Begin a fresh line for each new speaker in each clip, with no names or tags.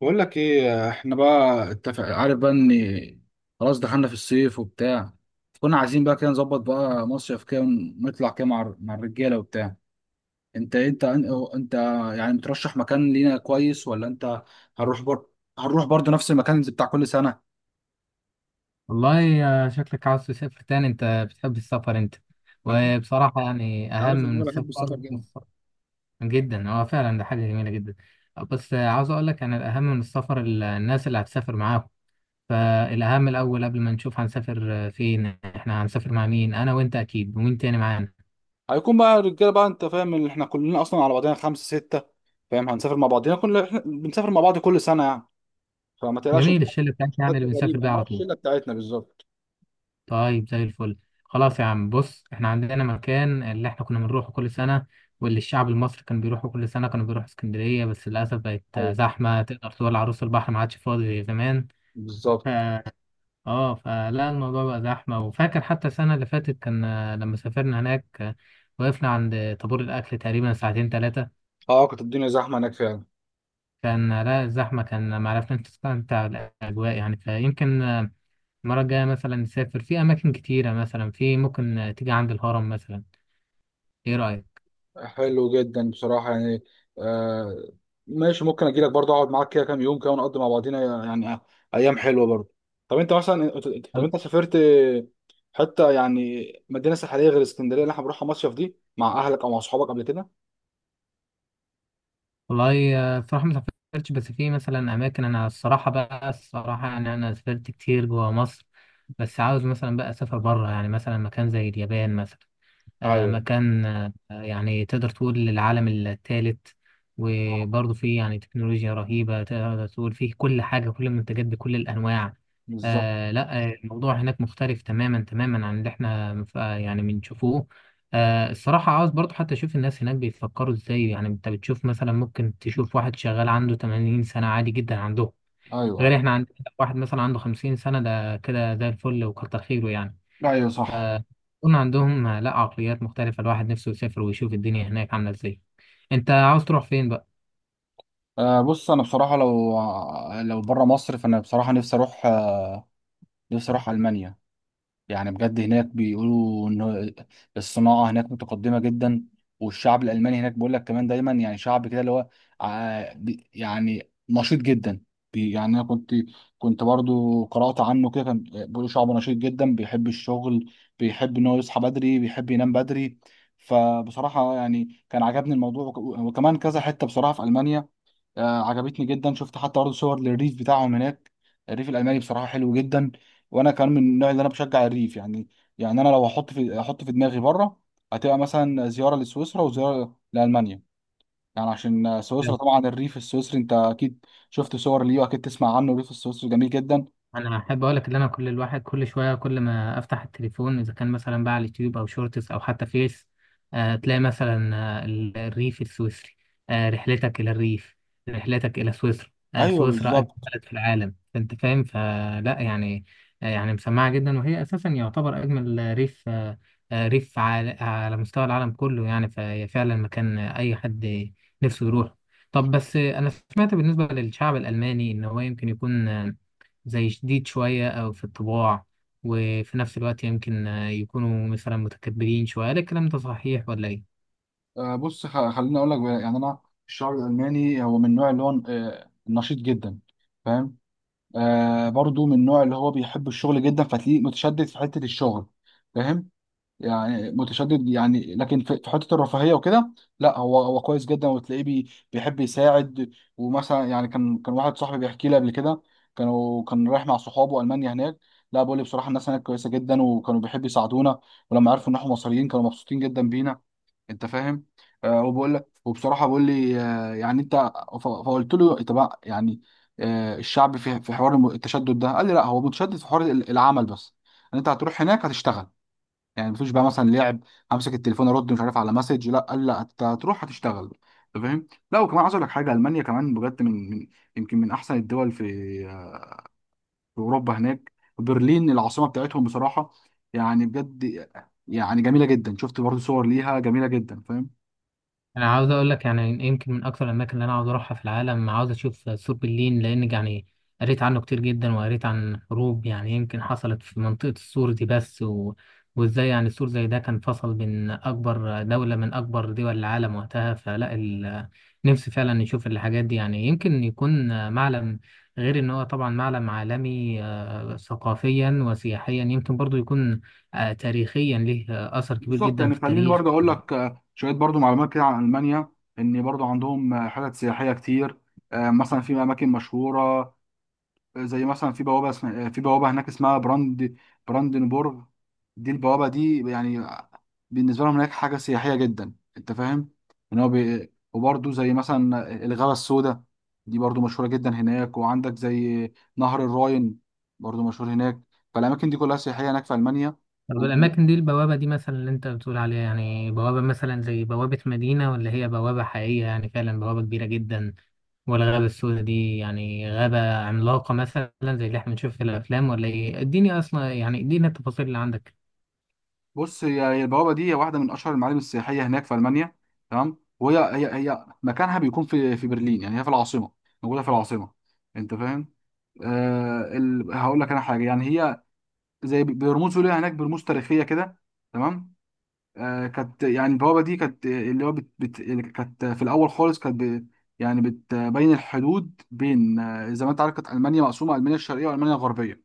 بقول لك ايه، احنا بقى اتفق، عارف بقى ان خلاص دخلنا في الصيف وبتاع. كنا عايزين بقى كده نظبط بقى مصيف كده، نطلع كده مع الرجاله وبتاع. انت انت انت يعني بترشح مكان لينا كويس؟ ولا انت هنروح بر... هنروح برضه نفس المكان اللي بتاع كل سنه؟
والله شكلك عاوز تسافر تاني انت. بتحب السفر انت.
أكيد.
وبصراحة يعني
انت
اهم
عارف ان
من
انا بحب السفر
السفر
جدا.
جدا هو فعلا ده حاجة جميلة جدا. بس عاوز اقول لك انا الاهم من السفر الناس اللي هتسافر معاهم. فالاهم الاول قبل ما نشوف هنسافر فين احنا هنسافر مع مين، انا وانت اكيد ومين تاني معانا.
هيكون بقى الرجاله بقى، انت فاهم ان احنا كلنا اصلا على بعضنا خمسه سته، فاهم، هنسافر مع بعضنا كلنا، احنا بنسافر مع بعض كل سنه يعني. فما تقلقش،
جميل،
مش
الشلة بتاعتنا يعني
حد
اللي بنسافر
غريب
بيها
انا، هو
على طول.
الشله بتاعتنا بالظبط.
طيب زي الفل. خلاص يا عم، بص احنا عندنا مكان اللي احنا كنا بنروحه كل سنة، واللي الشعب المصري كان بيروحه كل سنة. كانوا بيروحوا اسكندرية بس للأسف بقت
ايوه،
زحمة. تقدر تقول عروس البحر ما عادش فاضي زي زمان. ف...
بالظبط.
اه فلا الموضوع بقى زحمة. وفاكر حتى السنة اللي فاتت كان لما سافرنا هناك، وقفنا عند طابور الأكل تقريبا ساعتين ثلاثة.
اه كانت الدنيا زحمه هناك فعلا.
كان لا الزحمة، كان ما عرفناش نستمتع بالأجواء يعني. فيمكن المرة الجاية مثلا نسافر في أماكن كتيرة، مثلا في ممكن تيجي عند الهرم مثلا. ايه رأيك؟
حلو جدا بصراحه يعني. آه ماشي، ممكن اجي لك برضه اقعد معاك كده كام يوم كده ونقضي مع بعضينا يعني ايام حلوه برضه. طب انت مثلا طب
وال-
انت سافرت حته يعني، مدينه ساحليه غير اسكندريه اللي احنا بنروحها مصيف دي، مع اهلك او مع اصحابك قبل كده؟
والله بصراحة ما سافرتش، بس في مثلا اماكن. انا الصراحة بقى الصراحة يعني انا سافرت كتير جوا مصر، بس عاوز مثلا بقى اسافر بره يعني، مثلا مكان زي اليابان مثلا.
ايوه،
مكان يعني تقدر تقول العالم الثالث. وبرضه فيه يعني تكنولوجيا رهيبة، تقدر تقول فيه كل حاجة، كل المنتجات بكل الأنواع.
بالظبط.
آه لا آه، الموضوع هناك مختلف تماما تماما عن اللي احنا يعني بنشوفوه. الصراحة عاوز برضه حتى أشوف الناس هناك بيفكروا إزاي. يعني أنت بتشوف مثلا، ممكن تشوف واحد شغال عنده 80 سنة عادي جدا عندهم. غير
ايوه
احنا عندنا واحد مثلا عنده 50 سنة ده كده زي الفل وكتر خيره يعني.
ايوه. ايوه صح.
يكون عندهم لا عقليات مختلفة. الواحد نفسه يسافر ويشوف الدنيا هناك عاملة ازاي. انت عاوز تروح فين بقى؟
بص، انا بصراحه لو بره مصر فانا بصراحه نفسي اروح المانيا. يعني بجد هناك بيقولوا ان الصناعه هناك متقدمه جدا. والشعب الالماني هناك بيقول لك كمان دايما يعني شعب كده اللي هو يعني نشيط جدا. يعني انا كنت، برضو قرات عنه كده، كان بيقولوا شعب نشيط جدا بيحب الشغل، بيحب ان هو يصحى بدري بيحب ينام بدري. فبصراحه يعني كان عجبني الموضوع، وكمان كذا حته بصراحه في المانيا عجبتني جدا، شفت حتى برضه صور للريف بتاعهم هناك. الريف الالماني بصراحه حلو جدا. وانا كمان من النوع اللي انا بشجع الريف يعني. يعني انا لو احط في دماغي بره هتبقى مثلا زياره لسويسرا وزياره لالمانيا. يعني عشان سويسرا طبعا، الريف السويسري انت اكيد شفت صور ليه واكيد تسمع عنه، الريف السويسري جميل جدا.
انا احب اقول لك ان انا كل، الواحد كل شويه كل ما افتح التليفون، اذا كان مثلا بقى على اليوتيوب او شورتس او حتى فيس، تلاقي مثلا الريف السويسري. رحلتك الى الريف. رحلتك الى سويسرا.
ايوه
سويسرا اجمل
بالظبط.
بلد في العالم، فانت فاهم فلا يعني. يعني مسمعه جدا، وهي اساسا يعتبر اجمل ريف. ريف على مستوى العالم كله يعني. فهي فعلا مكان اي حد نفسه يروح. طب بس انا سمعت بالنسبه للشعب الالماني ان هو يمكن يكون زي شديد شوية أو في الطباع، وفي نفس الوقت يمكن يكونوا مثلا متكبرين شوية. هل الكلام ده صحيح ولا إيه؟
بص، خليني اقول لك بقى، يعني انا الشعب الالماني هو من النوع اللي هو نشيط جدا. فاهم. برضو من النوع اللي هو بيحب الشغل جدا، فتلاقيه متشدد في حتة الشغل. فاهم. يعني متشدد يعني، لكن في حتة الرفاهية وكده لا، هو كويس جدا وتلاقيه بيحب يساعد. ومثلا يعني كان واحد صاحبي بيحكي لي قبل كده، كان رايح مع صحابه ألمانيا هناك. لا، بقول لي بصراحة الناس هناك كويسة جدا وكانوا بيحبوا يساعدونا، ولما عرفوا ان احنا مصريين كانوا مبسوطين جدا بينا. انت فاهم. وبقول لك، وبصراحه بقول لي يعني انت، فقلت له طب يعني الشعب في حوار التشدد ده، قال لي لا، هو متشدد في حوار العمل بس، ان انت هتروح هناك هتشتغل، يعني مفيش بقى مثلا لعب، امسك التليفون ارد مش عارف على مسج، لا قال لا، انت هتروح هتشتغل. انت فاهم. لا وكمان عايز اقول لك حاجه، المانيا كمان بجد من، يمكن من احسن الدول في اوروبا هناك. برلين العاصمه بتاعتهم بصراحه، يعني بجد يعني جميله جدا، شفت برضه صور ليها جميله جدا، فاهم.
انا عاوز اقول لك يعني يمكن من اكثر الاماكن اللي انا عاوز اروحها في العالم، عاوز اشوف سور برلين. لان يعني قريت عنه كتير جدا، وقريت عن حروب يعني يمكن حصلت في منطقة السور دي. بس وازاي يعني السور زي ده كان فصل بين اكبر دولة من اكبر دول العالم وقتها. فلا نفسي فعلا نشوف الحاجات دي. يعني يمكن يكون معلم. غير ان هو طبعا معلم عالمي ثقافيا وسياحيا. يمكن برضو يكون تاريخيا ليه اثر كبير
بالظبط.
جدا
يعني
في
خليني
التاريخ.
برضه اقول لك شويه برضه معلومات كده عن المانيا، ان برضه عندهم حتت سياحيه كتير. مثلا في اماكن مشهوره، زي مثلا في بوابه اسم- آه، في بوابه هناك اسمها براند، براندنبورغ. دي البوابه دي يعني بالنسبه لهم هناك حاجه سياحيه جدا، انت فاهم، ان هو وبرضه زي مثلا الغابه السوداء، دي برضه مشهوره جدا هناك. وعندك زي نهر الراين برضه مشهور هناك. فالاماكن دي كلها سياحيه هناك في المانيا.
طب الأماكن دي، البوابة دي مثلا اللي أنت بتقول عليها، يعني بوابة مثلا زي بوابة مدينة، ولا هي بوابة حقيقية يعني فعلا بوابة كبيرة جدا؟ والغابة السوداء دي يعني غابة عملاقة مثلا زي اللي احنا بنشوف في الأفلام ولا إيه؟ اديني أصلا، يعني اديني التفاصيل اللي عندك.
بص، هي البوابه دي واحده من اشهر المعالم السياحيه هناك في المانيا، تمام، وهي هي هي مكانها بيكون في برلين، يعني هي في العاصمه، موجوده في العاصمه، انت فاهم. هقول لك انا حاجه، يعني هي زي برموز ليها هناك، برموز تاريخيه كده، تمام. كانت، يعني البوابه دي كانت اللي هو كانت في الاول خالص، يعني بتبين الحدود بين زي ما انت عارف كانت المانيا مقسومه، المانيا الشرقيه والمانيا الغربيه،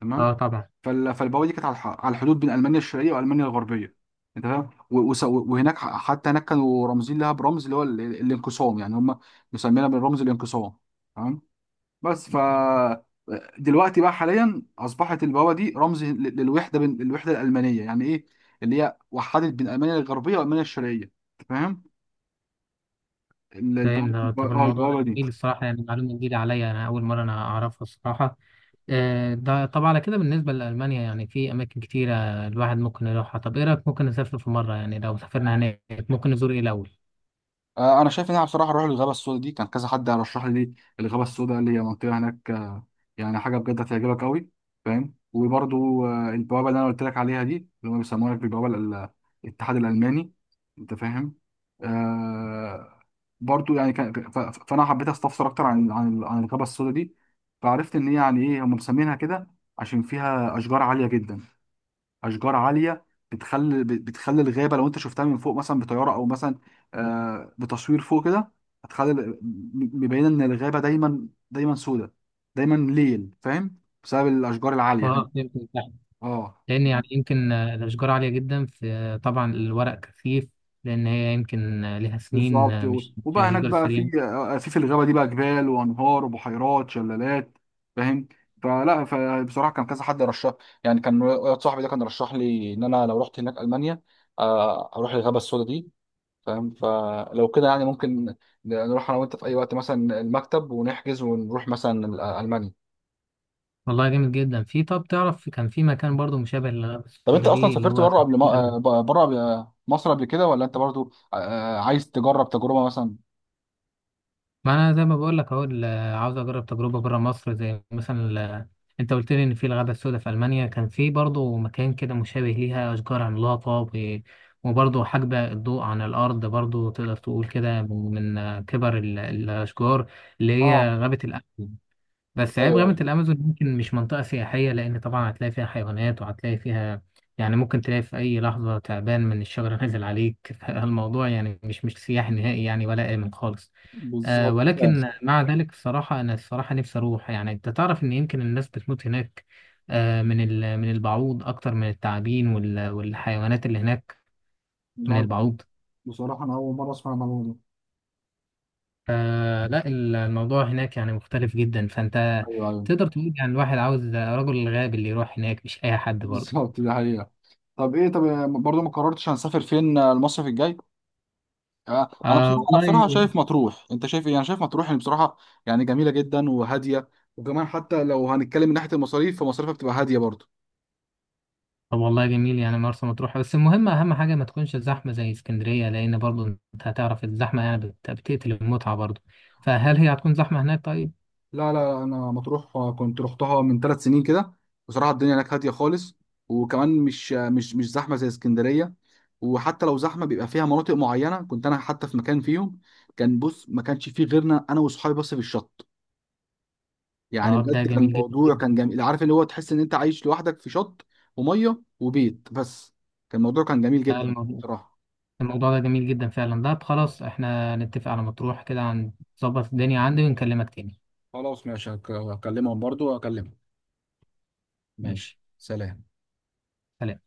تمام.
أه طبعا.
فالبوابه دي كانت على على الحدود بين المانيا الشرقيه والمانيا الغربيه، انت فاهم. وهناك حتى هناك كانوا رامزين لها برمز اللي هو الانقسام، يعني هم مسمينها بالرمز الانقسام، تمام. بس ف دلوقتي بقى حاليا اصبحت البوابه دي رمز للوحده، بين الوحده الالمانيه يعني ايه، اللي هي وحدت بين المانيا الغربيه والمانيا الشرقيه، انت فاهم. ال-
فاهم
البوابه
ده.
الب-
طب
اه
الموضوع ده
البوابه دي.
جميل الصراحة، يعني معلومة جديدة عليا. أنا أول مرة أنا أعرفها الصراحة. ده طب على كده بالنسبة لألمانيا يعني في أماكن كتيرة الواحد ممكن يروحها. طب إيه رأيك ممكن نسافر في مرة؟ يعني لو سافرنا هناك ممكن نزور إيه الأول؟
انا شايف ان انا بصراحه اروح للغابه السوداء دي، كان كذا حد رشح لي الغابه السوداء، اللي هي منطقه هناك يعني حاجه بجد هتعجبك قوي، فاهم. وبرضو البوابه اللي انا قلت لك عليها دي، اللي هم بيسموها لك بالبوابه الاتحاد الالماني، انت فاهم. آه برضو يعني كان فانا حبيت استفسر اكتر عن الغابه السوداء دي، فعرفت ان هي يعني ايه هم مسمينها كده عشان فيها اشجار عاليه جدا. اشجار عاليه بتخلي الغابه لو انت شفتها من فوق مثلا بطياره، او مثلا بتصوير فوق كده، هتخلي مبينه ان الغابه دايما دايما سودة، دايما ليل، فاهم، بسبب الاشجار العاليه.
اه فهمت.
اه.
لان يعني يمكن الاشجار عاليه جدا، في طبعا الورق كثيف. لان هي يمكن لها سنين
بالظبط.
مش
وبقى هناك
الاشجار
بقى في
السريعه.
في الغابه دي بقى جبال وانهار وبحيرات شلالات، فاهم. فلا، فبصراحه كان كذا حد رشح، يعني كان واحد صاحبي ده كان رشح لي ان انا لو رحت هناك المانيا اروح الغابه السوداء دي، فاهم. فلو كده يعني ممكن نروح انا وانت في اي وقت مثلا المكتب ونحجز ونروح مثلا المانيا.
والله جامد جدا. في طب تعرف كان في مكان برضو مشابه للغابه
طب انت
السوداء
اصلا
دي، اللي
سافرت
هو
بره قبل،
الامن.
ما بره مصر قبل كده، ولا انت برضو عايز تجرب تجربه مثلا؟
ما انا زي ما بقول لك اهو عاوز اجرب تجربه بره مصر، زي مثلا انت قلت لي ان في الغابه السوداء في المانيا، كان في برضو مكان كده مشابه ليها، اشجار عملاقه وبرضو حاجبه الضوء عن الارض. برضو تقدر تقول كده من من، آه، كبر الاشجار، اللي
اه.
هي غابه الامن. بس عيب
ايوه
غابة
ايوه.
الأمازون يمكن مش منطقة سياحية، لأن طبعا هتلاقي فيها حيوانات وهتلاقي فيها، يعني ممكن تلاقي في أي لحظة تعبان من الشجرة نازل عليك فالموضوع يعني مش سياحي نهائي يعني، ولا آمن خالص.
بالظبط
ولكن
فاهم.
مع ذلك الصراحة، أنا الصراحة نفسي أروح. يعني أنت تعرف إن يمكن الناس بتموت هناك من من البعوض أكتر من التعابين والحيوانات اللي هناك. من
لا،
البعوض.
بصراحة أنا أول مرة أسمع الموضوع ده.
لا الموضوع هناك يعني مختلف جدا. فانت
ايوه ايوه.
تقدر تقول يعني الواحد عاوز رجل غاب اللي يروح هناك، مش اي حد برضه.
بالظبط ده حقيقه. طب ايه، طب برضو ما قررتش هنسافر فين المصيف الجاي. انا بصراحه انا بصراحه
والله.
شايف مطروح، انت شايف ايه؟ انا شايف مطروح، يعني بصراحه يعني جميله جدا وهاديه، وكمان حتى لو هنتكلم من ناحيه المصاريف فمصاريفها بتبقى هاديه برضه.
طب والله جميل يعني مرسى مطروح. بس المهم اهم حاجه ما تكونش الزحمه زي اسكندريه، لان برضه انت هتعرف الزحمه يعني بتقتل المتعه برضه. فهل هي هتكون زحمه هناك؟ طيب.
لا لا، انا مطروح كنت رحتها من 3 سنين كده، بصراحه الدنيا هناك هاديه خالص، وكمان مش مش زحمه زي اسكندريه، وحتى لو زحمه بيبقى فيها مناطق معينه، كنت انا حتى في مكان فيهم كان، بص ما كانش فيه غيرنا، انا واصحابي بس في الشط، يعني
طب ده
بجد كان
جميل جدا
الموضوع
جدا.
كان جميل، عارف اللي هو تحس ان انت عايش لوحدك في شط وميه وبيت بس، كان الموضوع كان جميل
آه،
جدا
الموضوع
بصراحة.
الموضوع ده جميل جدا فعلا. ده خلاص احنا نتفق على مطروح كده. هنظبط الدنيا عندي ونكلمك تاني.
خلاص ماشي، هكلمهم، برضو هكلمهم، ماشي
ماشي،
سلام.
سلام.